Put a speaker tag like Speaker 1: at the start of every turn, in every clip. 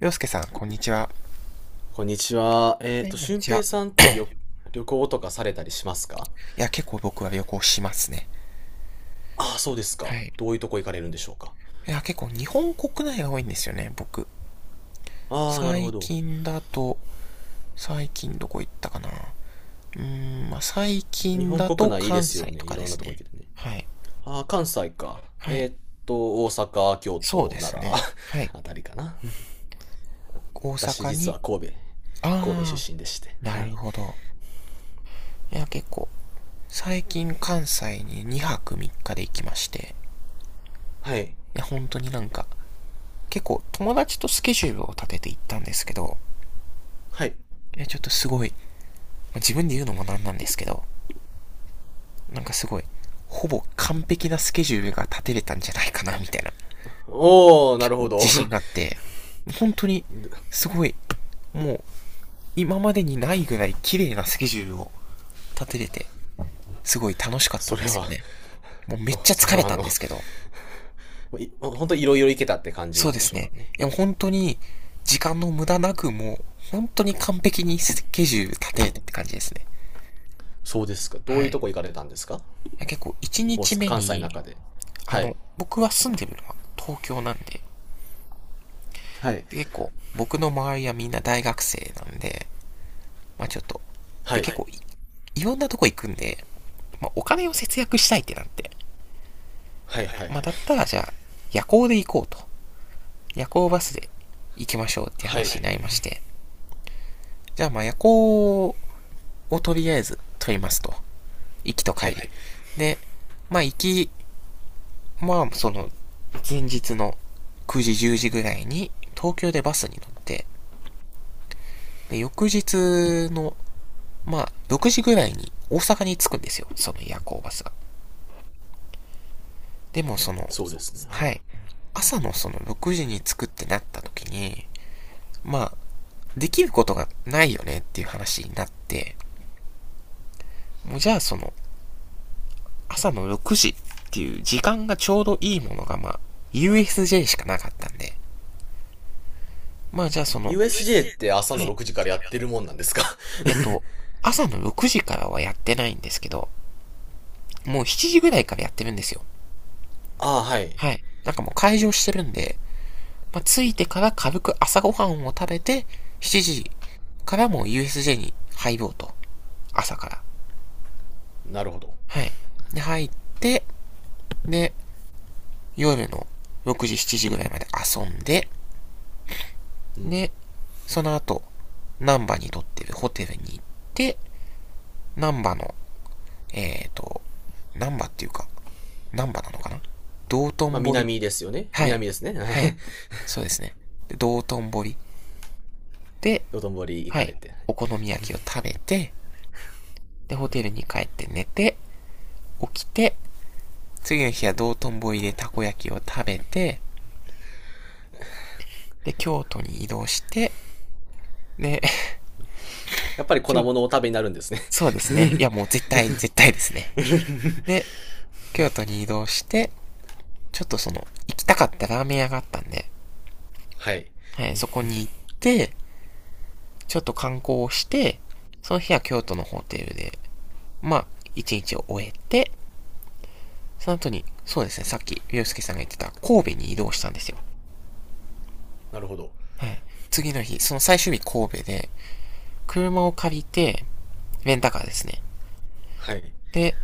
Speaker 1: 洋介さん、こんにちは。は
Speaker 2: こんにちは。
Speaker 1: い、こんに
Speaker 2: 俊
Speaker 1: ちは。
Speaker 2: 平さんって旅行とかされたりしますか？
Speaker 1: いや、結構僕は旅行しますね。
Speaker 2: ああ、そうです
Speaker 1: は
Speaker 2: か。
Speaker 1: い。
Speaker 2: どういうとこ行かれるんでしょうか。
Speaker 1: いや、結構日本国内が多いんですよね、僕。
Speaker 2: ああ、なるほ
Speaker 1: 最
Speaker 2: ど。
Speaker 1: 近だと、最近どこ行ったかなまあ、最
Speaker 2: 日
Speaker 1: 近
Speaker 2: 本
Speaker 1: だ
Speaker 2: 国
Speaker 1: と
Speaker 2: 内いいで
Speaker 1: 関
Speaker 2: すよ
Speaker 1: 西
Speaker 2: ね。
Speaker 1: と
Speaker 2: い
Speaker 1: かで
Speaker 2: ろんな
Speaker 1: す
Speaker 2: とこ行
Speaker 1: ね。
Speaker 2: けてね。
Speaker 1: はい。
Speaker 2: ああ、関西か。
Speaker 1: はい。
Speaker 2: 大阪、京
Speaker 1: そう
Speaker 2: 都、
Speaker 1: で
Speaker 2: 奈
Speaker 1: す
Speaker 2: 良
Speaker 1: ね。はい。
Speaker 2: あたりかな。
Speaker 1: 大
Speaker 2: 私、
Speaker 1: 阪
Speaker 2: 実
Speaker 1: に、
Speaker 2: は神戸、神戸
Speaker 1: あ
Speaker 2: 出身でして。
Speaker 1: ー、
Speaker 2: は
Speaker 1: なる
Speaker 2: い。
Speaker 1: ほど。いや、結構、最近関西に2泊3日で行きまして、
Speaker 2: はい。
Speaker 1: いや、本当になんか、結構友達とスケジュールを立てて行ったんですけど、
Speaker 2: はい。
Speaker 1: え、ちょっとすごい、自分で言うのもなんなんですけど、なんかすごい、ほぼ完璧なスケジュールが立てれたんじゃないかな、みたいな、
Speaker 2: おー、な
Speaker 1: 結
Speaker 2: る
Speaker 1: 構
Speaker 2: ほど。
Speaker 1: 自信があっ て、本当に、
Speaker 2: で
Speaker 1: すごい、もう、今までにないぐらい綺麗なスケジュールを立てれて、すごい楽しかった
Speaker 2: そ
Speaker 1: ん
Speaker 2: れ
Speaker 1: ですよ
Speaker 2: は、
Speaker 1: ね。もうめっちゃ
Speaker 2: それ
Speaker 1: 疲れ
Speaker 2: はあ
Speaker 1: たん
Speaker 2: の、
Speaker 1: ですけど、
Speaker 2: い、本当いろいろ行けたって感じ
Speaker 1: そう
Speaker 2: なん
Speaker 1: で
Speaker 2: でし
Speaker 1: す
Speaker 2: ょうか
Speaker 1: ね。
Speaker 2: ね。
Speaker 1: いや、本当に、時間の無駄なく、もう、本当に完璧にスケジュール立てれたって感じですね。
Speaker 2: そうですか。ど
Speaker 1: は
Speaker 2: ういうと
Speaker 1: い。
Speaker 2: こ行かれたんですか？
Speaker 1: 結構、1
Speaker 2: 大
Speaker 1: 日
Speaker 2: 阪、
Speaker 1: 目
Speaker 2: 関西の
Speaker 1: に、
Speaker 2: 中で。はい。
Speaker 1: 僕は住んでるのは東京なんで、
Speaker 2: はい。
Speaker 1: で結構、僕の周りはみんな大学生なんで、まあちょっと、
Speaker 2: は
Speaker 1: で
Speaker 2: い。
Speaker 1: 結構はい、いろんなとこ行くんで、まあお金を節約したいってなって、
Speaker 2: はい、はい、
Speaker 1: ま
Speaker 2: は
Speaker 1: あ
Speaker 2: い。
Speaker 1: だったらじゃあ、夜行で行こうと。夜行バスで行きましょうって
Speaker 2: はい。
Speaker 1: 話になりまして、はい。じゃあまあ夜行をとりあえず取りますと。行きと帰
Speaker 2: は
Speaker 1: り。は
Speaker 2: い。
Speaker 1: い。で、まあ行き、まあその、前日の9時10時ぐらいに東京でバスに乗って、で、翌日のまあ、6時ぐらいに大阪に着くんですよ、その夜行バスが。でもその、
Speaker 2: そうですね。は
Speaker 1: は
Speaker 2: い。
Speaker 1: い、朝のその6時に着くってなった時に、まあ、できることがないよねっていう話になって、もうじゃあその、朝の6時っていう時間がちょうどいいものがまあ、USJ しかなかったんで、まあじゃあその、
Speaker 2: USJ って朝の6時からやってるもんなんですか？
Speaker 1: えっと、朝の6時からはやってないんですけど、もう7時ぐらいからやってるんですよ。
Speaker 2: ああ、はい。
Speaker 1: はい。なんかもう開場してるんで、まあ、着いてから軽く朝ごはんを食べて、7時からもう USJ に入ろうと。朝から。
Speaker 2: なるほど。
Speaker 1: はい。で、入って、で、夜の6時、7時ぐらいまで遊んで、
Speaker 2: うん。
Speaker 1: で、その後、ン波にとってるホテルに行って、ン波の、えーと、南波っていうか、ン波なのかな、道
Speaker 2: まあ、
Speaker 1: 頓堀。
Speaker 2: 南ですよね。
Speaker 1: はい。
Speaker 2: 南ですね。はい。
Speaker 1: はい。そうですね。で道頓堀で、
Speaker 2: 道頓堀行
Speaker 1: は
Speaker 2: かれ
Speaker 1: い。
Speaker 2: て。はい。
Speaker 1: お好み焼きを食べて、で、ホテルに帰って寝て、起きて、次の日は道頓堀でたこ焼きを食べて、で、京都に移動して、で、
Speaker 2: やっぱり粉 物をお食べになるんですね。
Speaker 1: そうですね。い や、もう絶対、絶対ですね。で、京都に移動して、ちょっとその、行きたかったラーメン屋があったんで、
Speaker 2: はい。
Speaker 1: はい、そこに行って、ちょっと観光をして、その日は京都のホテルで、まあ、一日を終えて、その後に、そうですね、さっき、ゆうすけさんが言ってた、神戸に移動したんですよ。
Speaker 2: なるほど。
Speaker 1: はい。次の日、その最終日神戸で、車を借りて、レンタカーですね。
Speaker 2: はい。
Speaker 1: で、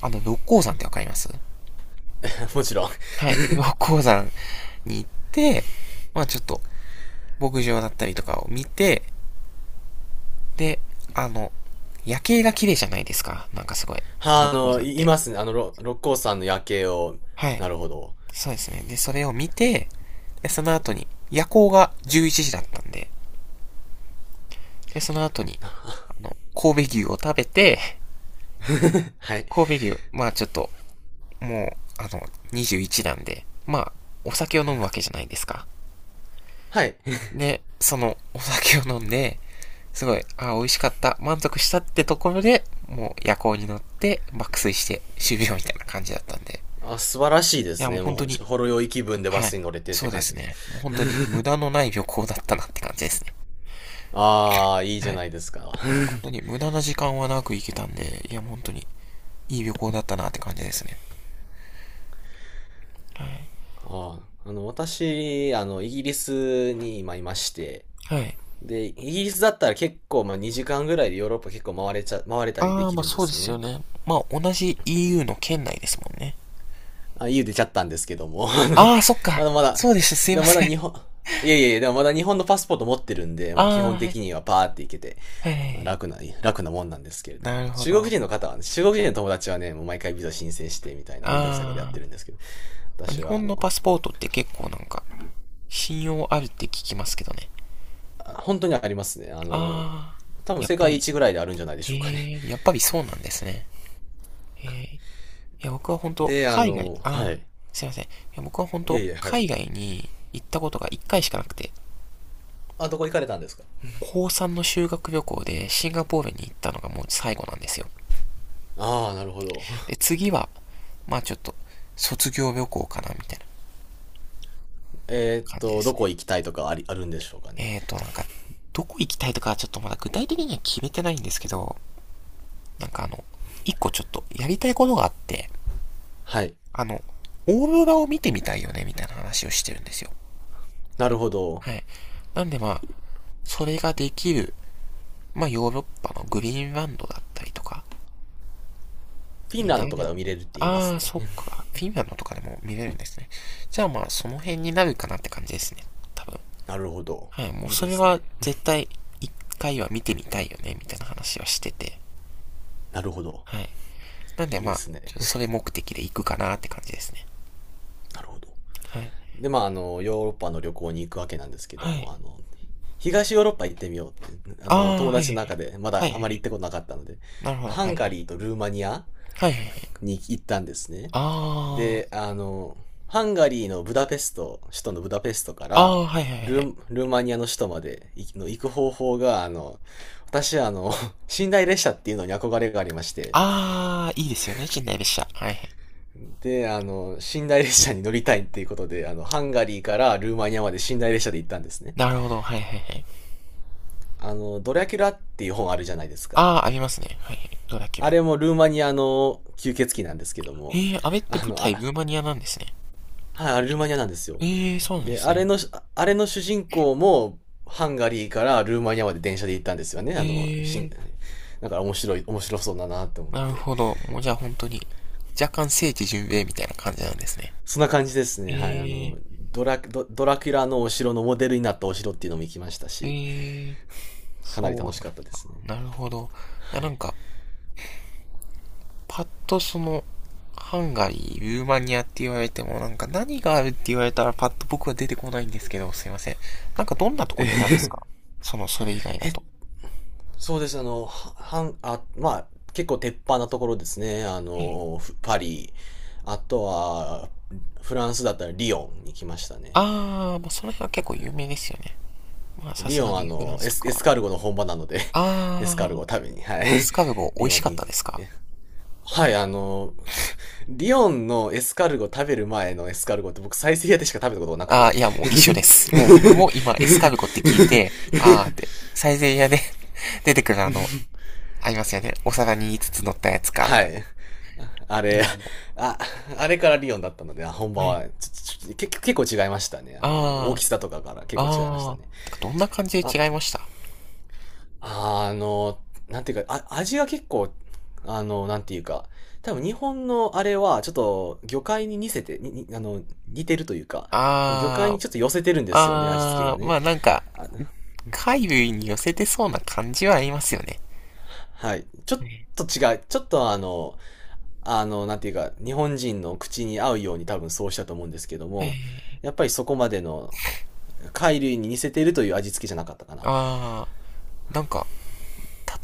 Speaker 1: 六甲山ってわかります？
Speaker 2: もちろん。
Speaker 1: はい。六甲山に行って、まあちょっと、牧場だったりとかを見て、で、あの、夜景が綺麗じゃないですか。なんかすごい。六甲山っ
Speaker 2: いい
Speaker 1: て。
Speaker 2: ますね。六甲山の夜景を。
Speaker 1: はい。
Speaker 2: なるほど。
Speaker 1: そうですね。で、それを見て、で、その後に、夜行が11時だったんで、で、その後に、神戸牛を食べて、
Speaker 2: はい。
Speaker 1: 神戸牛、まあちょっと、もう、あの、21なんで、まあお酒を飲むわけじゃないですか。
Speaker 2: はい。
Speaker 1: で、そのお酒を飲んで、すごい、あ美味しかった、満足したってところで、もう夜行に乗って爆睡して終了みたいな感じだったんで。
Speaker 2: あ、素晴らしいで
Speaker 1: い
Speaker 2: す
Speaker 1: や、もう
Speaker 2: ね。
Speaker 1: 本
Speaker 2: も
Speaker 1: 当
Speaker 2: う
Speaker 1: に、
Speaker 2: ほ、ほろ酔い気分でバ
Speaker 1: はい。
Speaker 2: スに乗れてっ
Speaker 1: そ
Speaker 2: て
Speaker 1: うで
Speaker 2: 感じ
Speaker 1: す
Speaker 2: です。
Speaker 1: ね。もう本当に無駄のない旅行だったなって感じですね。
Speaker 2: ああ、いいじ
Speaker 1: は
Speaker 2: ゃ
Speaker 1: い。
Speaker 2: ないですか。
Speaker 1: 本 当に無駄な時間はなく行けたんで、いや、もう本当にいい旅行だったなって感じですね。はい。
Speaker 2: ああ、私、イギリスに今いまして、
Speaker 1: はい。
Speaker 2: で、イギリスだったら結構、まあ、2時間ぐらいでヨーロッパ結構回れちゃ、回れたり
Speaker 1: あ
Speaker 2: で
Speaker 1: あ、
Speaker 2: き
Speaker 1: まあ
Speaker 2: るんで
Speaker 1: そうで
Speaker 2: す
Speaker 1: すよ
Speaker 2: ね。
Speaker 1: ね。まあ同じ EU の県内ですもんね。
Speaker 2: あ、言う出ちゃったんですけども、あの、
Speaker 1: ああ、そっか。
Speaker 2: あのま
Speaker 1: そ
Speaker 2: だ、
Speaker 1: うでした。すい
Speaker 2: で
Speaker 1: ま
Speaker 2: もま
Speaker 1: せ
Speaker 2: だ日
Speaker 1: ん。
Speaker 2: 本、いやいやいや、でもまだ日本のパスポート持ってるんで、
Speaker 1: あ
Speaker 2: もう基
Speaker 1: あ、
Speaker 2: 本
Speaker 1: はい。
Speaker 2: 的にはパーって行けて、
Speaker 1: はい。
Speaker 2: 楽な、楽なもんなんですけれども。
Speaker 1: なるほど。
Speaker 2: 中国人の友達はね、もう毎回ビザ申請してみたいなめんどくさいことやっ
Speaker 1: あ
Speaker 2: てるんですけど、
Speaker 1: ー、日
Speaker 2: 私はあ
Speaker 1: 本の
Speaker 2: の、
Speaker 1: パスポートって結構なんか、信用あるって聞きますけどね。
Speaker 2: 本当にありますね。
Speaker 1: あ
Speaker 2: 多
Speaker 1: ー、
Speaker 2: 分
Speaker 1: やっ
Speaker 2: 世
Speaker 1: ぱ
Speaker 2: 界
Speaker 1: り、
Speaker 2: 一ぐらいであるんじゃないでしょうかね。
Speaker 1: やっぱりそうなんですね。いや、僕は本 当
Speaker 2: で、
Speaker 1: 海外、
Speaker 2: は
Speaker 1: あー、
Speaker 2: い。
Speaker 1: すいません。いや、僕は本
Speaker 2: いや
Speaker 1: 当
Speaker 2: いや、はい。
Speaker 1: 海外に行ったことが1回しかなくて、
Speaker 2: あ、どこ行かれたんですか？
Speaker 1: 高3の修学旅行でシンガポールに行ったのがもう最後なんですよ。
Speaker 2: ああ、なるほど。
Speaker 1: で、次は、まあちょっと、卒業旅行かな、みたいな
Speaker 2: えーっ
Speaker 1: 感じで
Speaker 2: と、
Speaker 1: す
Speaker 2: どこ
Speaker 1: ね。
Speaker 2: 行きたいとかあり、あるんでしょうかね。
Speaker 1: なんか、どこ行きたいとかはちょっとまだ具体的には決めてないんですけど、なんかあの、一個ちょっとやりたいことがあって、
Speaker 2: はい。
Speaker 1: あの、オーロラを見てみたいよね、みたいな話をしてるんですよ。
Speaker 2: なるほど。
Speaker 1: はい。なんでまあ、それができる、まあヨーロッパのグリーンランドだったりとか
Speaker 2: フィン
Speaker 1: に
Speaker 2: ラン
Speaker 1: な
Speaker 2: ドとかで
Speaker 1: る。
Speaker 2: も見れるって言いま
Speaker 1: あ
Speaker 2: す
Speaker 1: あ、
Speaker 2: ね。
Speaker 1: そっ か。フィンランドとかでも見れるんですね。じゃあまあ、その辺になるかなって感じですね。多分。
Speaker 2: なるほど。
Speaker 1: はい。もう
Speaker 2: いい
Speaker 1: そ
Speaker 2: で
Speaker 1: れ
Speaker 2: す
Speaker 1: は
Speaker 2: ね。
Speaker 1: 絶対一回は見てみたいよね、みたいな話はしてて。
Speaker 2: なるほど。
Speaker 1: はい。なん
Speaker 2: い
Speaker 1: で
Speaker 2: い
Speaker 1: ま
Speaker 2: で
Speaker 1: あ、
Speaker 2: すね。
Speaker 1: それ目的で行くかなって感じですね。
Speaker 2: なるほど。
Speaker 1: はい。
Speaker 2: で、まあ、ヨーロッパの旅行に行くわけなんですけど
Speaker 1: はい。
Speaker 2: も、東ヨーロッパ行ってみようって、
Speaker 1: ああー、
Speaker 2: 友
Speaker 1: はい
Speaker 2: 達の中でま
Speaker 1: はいはい。はいはい
Speaker 2: だあ
Speaker 1: は
Speaker 2: まり行
Speaker 1: い。
Speaker 2: ったことなかったので、
Speaker 1: なるほど、は
Speaker 2: ハ
Speaker 1: いは
Speaker 2: ンガ
Speaker 1: い。
Speaker 2: リーとルーマニア
Speaker 1: はいはいはい。
Speaker 2: に行ったんですね。
Speaker 1: あ
Speaker 2: で、ハンガリーのブダペスト、首都のブダペストか
Speaker 1: あ、あ
Speaker 2: ら
Speaker 1: あ、はいはいはいはい。
Speaker 2: ルーマニアの首都まで行きの行く方法が、私は寝台列車っていうのに憧れがありまして、
Speaker 1: ああ、いいですよね、近代列車。はいはい。
Speaker 2: で、寝台列車に乗りたいっていうことで、ハンガリーからルーマニアまで寝台列車で行ったんですね。
Speaker 1: なるほど、はいはいはい。
Speaker 2: ドラキュラっていう本あるじゃないですか。
Speaker 1: ああ、ありますね。はいはい。どうだっけ
Speaker 2: あ
Speaker 1: な。
Speaker 2: れもルーマニアの吸血鬼なんですけども、
Speaker 1: ええ、あれって
Speaker 2: あ
Speaker 1: 舞
Speaker 2: の、あ、
Speaker 1: 台ルーマニアなんですね。
Speaker 2: はい、
Speaker 1: ど
Speaker 2: あ
Speaker 1: うだっ
Speaker 2: れルー
Speaker 1: け
Speaker 2: マ
Speaker 1: な。
Speaker 2: ニアなんですよ。
Speaker 1: ええ、そうなんで
Speaker 2: で、
Speaker 1: すね。
Speaker 2: あれの主人公も、ハンガリーからルーマニアまで電車で行ったんですよね。
Speaker 1: ええ、
Speaker 2: だから面白そうだなと思っ
Speaker 1: なる
Speaker 2: て。
Speaker 1: ほど。もうじゃあ本当に、若干聖地巡礼みたいな感じなんですね。
Speaker 2: そんな感じですね。はい、
Speaker 1: ええ
Speaker 2: ドラキュラのお城のモデルになったお城っていうのも行きましたし、
Speaker 1: ええ、
Speaker 2: かなり
Speaker 1: そ
Speaker 2: 楽しかった
Speaker 1: う
Speaker 2: ですね。
Speaker 1: なんだ。なるほど。い
Speaker 2: は
Speaker 1: や、なん
Speaker 2: い。
Speaker 1: か、パッとその、ハンガリー、ルーマニアって言われても、なんか何があるって言われたらパッと僕は出てこないんですけど、すいません。なんかどんなとこ
Speaker 2: え
Speaker 1: 行ったんです
Speaker 2: ー
Speaker 1: か？その、それ以外 だ
Speaker 2: え、
Speaker 1: と。
Speaker 2: そうです。あの、ははん、あ、まあ、結構鉄板なところですね。
Speaker 1: はい。
Speaker 2: パリ、あとは、フランスだったらリヨンに来ましたね。
Speaker 1: あー、まあ、その辺は結構有名ですよね。まあ、さ
Speaker 2: リ
Speaker 1: す
Speaker 2: ヨ
Speaker 1: が
Speaker 2: ン、
Speaker 1: にフランスとか
Speaker 2: エ
Speaker 1: は。
Speaker 2: スカルゴの本場なので エスカル
Speaker 1: あ
Speaker 2: ゴを食べに、は
Speaker 1: ー、エ
Speaker 2: い。
Speaker 1: スカルゴ
Speaker 2: リ
Speaker 1: 美味
Speaker 2: ヨ
Speaker 1: し
Speaker 2: ン
Speaker 1: かっ
Speaker 2: に、
Speaker 1: たですか？
Speaker 2: え、はい、リヨンのエスカルゴ食べる前のエスカルゴって僕、サイゼリヤでしか食べたことがなく
Speaker 1: あ
Speaker 2: て。
Speaker 1: ー、いや、もう一緒です。もう僕も今エスカルゴって聞いて、あーっ て、サイゼリヤで 出てくるあの、ありますよね。お皿に5つつ乗ったやつか、みた
Speaker 2: は
Speaker 1: いな。
Speaker 2: い。あれ、
Speaker 1: 今も
Speaker 2: あ、あれからリヨンだったので、あ、本
Speaker 1: う。
Speaker 2: 場
Speaker 1: ね。
Speaker 2: は、ちちち結構違いましたね。大
Speaker 1: あー、
Speaker 2: きさとかから結構違いました
Speaker 1: あー、なん
Speaker 2: ね。
Speaker 1: かどんな感じ
Speaker 2: あ、
Speaker 1: で違いました？
Speaker 2: あの、なんていうか、味が結構、なんていうか、多分日本のあれは、ちょっと魚介に似せて、に、に似てるというか、魚介
Speaker 1: あ
Speaker 2: に
Speaker 1: ー、
Speaker 2: ちょっと寄せてるんですよね、味付けが
Speaker 1: あー、ま
Speaker 2: ね。
Speaker 1: あなんか、
Speaker 2: あ、
Speaker 1: 海類に寄せてそうな感じはありますよね。
Speaker 2: はい。ちょっと違う。ちょっとなんていうか、日本人の口に合うように多分そうしたと思うんですけど
Speaker 1: え
Speaker 2: も、
Speaker 1: ー、
Speaker 2: やっぱりそこまでの貝類に似せているという味付けじゃなかったかな。
Speaker 1: あー、なんか、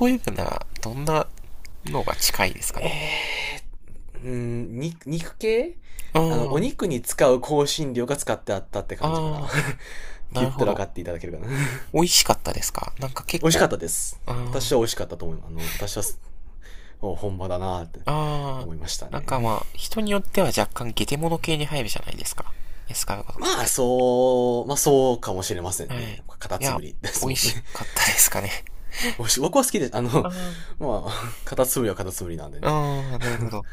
Speaker 1: 例えるなら、どんなのが近いですかね。
Speaker 2: えーうーん、肉系
Speaker 1: うー
Speaker 2: お
Speaker 1: ん、
Speaker 2: 肉に使う香辛料が使ってあったって
Speaker 1: あ
Speaker 2: 感じかな。っ
Speaker 1: ー、な
Speaker 2: て言
Speaker 1: る
Speaker 2: った
Speaker 1: ほ
Speaker 2: ら分か
Speaker 1: ど。
Speaker 2: っていただけるかな。
Speaker 1: 美味しかったですか？なんか 結
Speaker 2: 美味しか
Speaker 1: 構、
Speaker 2: ったです。
Speaker 1: うー
Speaker 2: 私
Speaker 1: ん、
Speaker 2: は美味しかったと思います。私は、お本場だなーって
Speaker 1: あ
Speaker 2: 思いました
Speaker 1: ー、なん
Speaker 2: ね。
Speaker 1: かまあ、人によっては若干ゲテモノ系に入るじゃないですか。エスカルゴ とかっ
Speaker 2: まあ、
Speaker 1: て。
Speaker 2: まあそうかもしれません
Speaker 1: はい。
Speaker 2: ね。カタ
Speaker 1: い
Speaker 2: ツ
Speaker 1: や、
Speaker 2: ムリで
Speaker 1: 美
Speaker 2: す
Speaker 1: 味
Speaker 2: もんね。
Speaker 1: しかったですかね。
Speaker 2: おし僕は好きで、
Speaker 1: あー
Speaker 2: まあ、カタツムリはカタツムリなんでね。
Speaker 1: ああ、なるほ ど。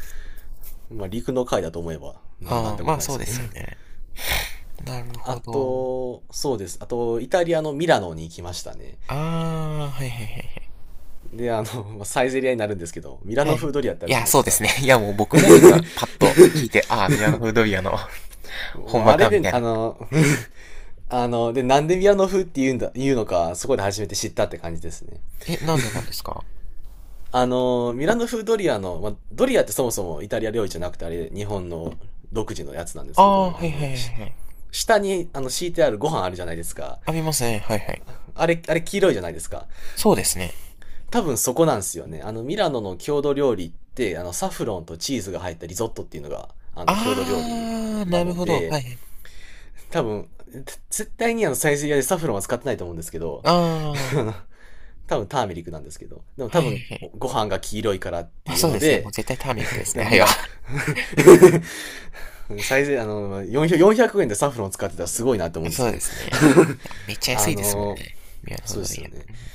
Speaker 2: まあ、陸の貝だと思えば、なん
Speaker 1: あ
Speaker 2: て
Speaker 1: あ、
Speaker 2: こ
Speaker 1: ま
Speaker 2: と
Speaker 1: あ
Speaker 2: ないで
Speaker 1: そ
Speaker 2: す
Speaker 1: うで
Speaker 2: よね。
Speaker 1: すよ ね。なるほ
Speaker 2: あ
Speaker 1: ど。
Speaker 2: と、そうです。あと、イタリアのミラノに行きましたね。
Speaker 1: ああ、はいはいはいはい。
Speaker 2: で、まあサイゼリアになるんですけど、ミラ
Speaker 1: は
Speaker 2: ノ
Speaker 1: い。
Speaker 2: 風ドリアってあ
Speaker 1: い
Speaker 2: るじゃ
Speaker 1: や、
Speaker 2: ないで
Speaker 1: そう
Speaker 2: す
Speaker 1: です
Speaker 2: か。
Speaker 1: ね。いや、もう僕も今、パッと聞いて、ああ、ミラノ風ドリアの 本
Speaker 2: もう
Speaker 1: 場
Speaker 2: あれ
Speaker 1: か、み
Speaker 2: で、
Speaker 1: たいな。
Speaker 2: で、なんでミラノ風って言うのか、そこで初めて知ったって感じですね。
Speaker 1: え、なんでなんですか？
Speaker 2: ミラノ風ドリアの、まあ、ドリアってそもそもイタリア料理じゃなくて、あれ、日本の独自のやつなんです
Speaker 1: あ
Speaker 2: け
Speaker 1: あ、
Speaker 2: ど、
Speaker 1: はいはいはいはい。
Speaker 2: 下に、敷いてあるご飯あるじゃないですか。
Speaker 1: あ、見ますね。はいはい。
Speaker 2: あれ、あれ黄色いじゃないですか。
Speaker 1: そうですね。
Speaker 2: 多分そこなんですよね。ミラノの郷土料理って、サフロンとチーズが入ったリゾットっていうのが、郷土料理
Speaker 1: ああ、
Speaker 2: な
Speaker 1: なる
Speaker 2: の
Speaker 1: ほど。は
Speaker 2: で、
Speaker 1: いはい。
Speaker 2: 多分、絶対にサイゼリヤでサフロンは使ってないと思うんですけど、
Speaker 1: ああ、はい
Speaker 2: 多分ターメリックなんですけど。でも
Speaker 1: は
Speaker 2: 多
Speaker 1: い
Speaker 2: 分、
Speaker 1: はい。
Speaker 2: ご飯が黄色いからっ
Speaker 1: ま
Speaker 2: て
Speaker 1: あ
Speaker 2: いう
Speaker 1: そう
Speaker 2: の
Speaker 1: ですね。もう
Speaker 2: で、
Speaker 1: 絶対ターメリックですね。は
Speaker 2: ミ
Speaker 1: いは。
Speaker 2: ラ、
Speaker 1: い
Speaker 2: サイゼ、あの、400 円でサフロン使ってたらすごいなって思う
Speaker 1: や
Speaker 2: んです
Speaker 1: そ
Speaker 2: け
Speaker 1: うで
Speaker 2: ど。
Speaker 1: すね。いやめっち ゃ
Speaker 2: あ
Speaker 1: 安いですもん
Speaker 2: の、
Speaker 1: ね。ミラノ
Speaker 2: そう
Speaker 1: 風ド
Speaker 2: で
Speaker 1: リ
Speaker 2: すよね。
Speaker 1: ア。うん、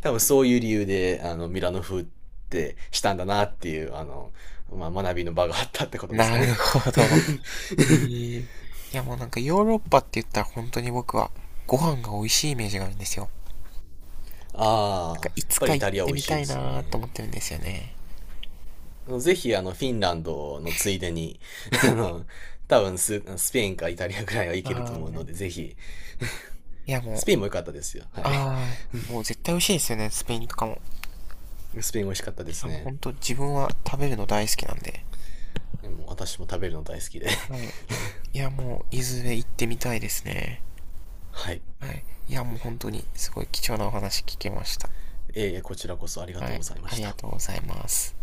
Speaker 2: 多分そういう理由で、ミラノ風ってしたんだなっていう、まあ、学びの場があったってことですか
Speaker 1: な
Speaker 2: ね。
Speaker 1: るほど。ええー、いやもうなんかヨーロッパって言ったら本当に僕はご飯が美味しいイメージがあるんですよ。なんか
Speaker 2: ああ、
Speaker 1: い
Speaker 2: やっ
Speaker 1: つ
Speaker 2: ぱ
Speaker 1: か
Speaker 2: りイ
Speaker 1: 行っ
Speaker 2: タリア美
Speaker 1: て
Speaker 2: 味
Speaker 1: み
Speaker 2: しい
Speaker 1: た
Speaker 2: で
Speaker 1: い
Speaker 2: す
Speaker 1: なーと
Speaker 2: ね。
Speaker 1: 思ってるんですよね。
Speaker 2: あのぜひ、フィンランドのついでに、あの、多分ス、スペインかイタリアぐらいはい
Speaker 1: あ
Speaker 2: けると思うので、
Speaker 1: ー、
Speaker 2: ぜひ、
Speaker 1: いやもう、
Speaker 2: スペインも良かったですよ。はい。
Speaker 1: あー、もう絶対美味しいですよね、スペインとかも。い
Speaker 2: スペイン美味しかったです
Speaker 1: やもう
Speaker 2: ね。
Speaker 1: 本当自分は食べるの大好きなんで。
Speaker 2: でも私も食べるの大好きで。
Speaker 1: はい。いやもう、いずれ行ってみたいですね。
Speaker 2: はい。
Speaker 1: はい。いやもう本当にすごい貴重なお話聞けました。
Speaker 2: えー、こちらこそありが
Speaker 1: は
Speaker 2: とう
Speaker 1: い。
Speaker 2: ございま
Speaker 1: あ
Speaker 2: し
Speaker 1: りが
Speaker 2: た。
Speaker 1: とうございます。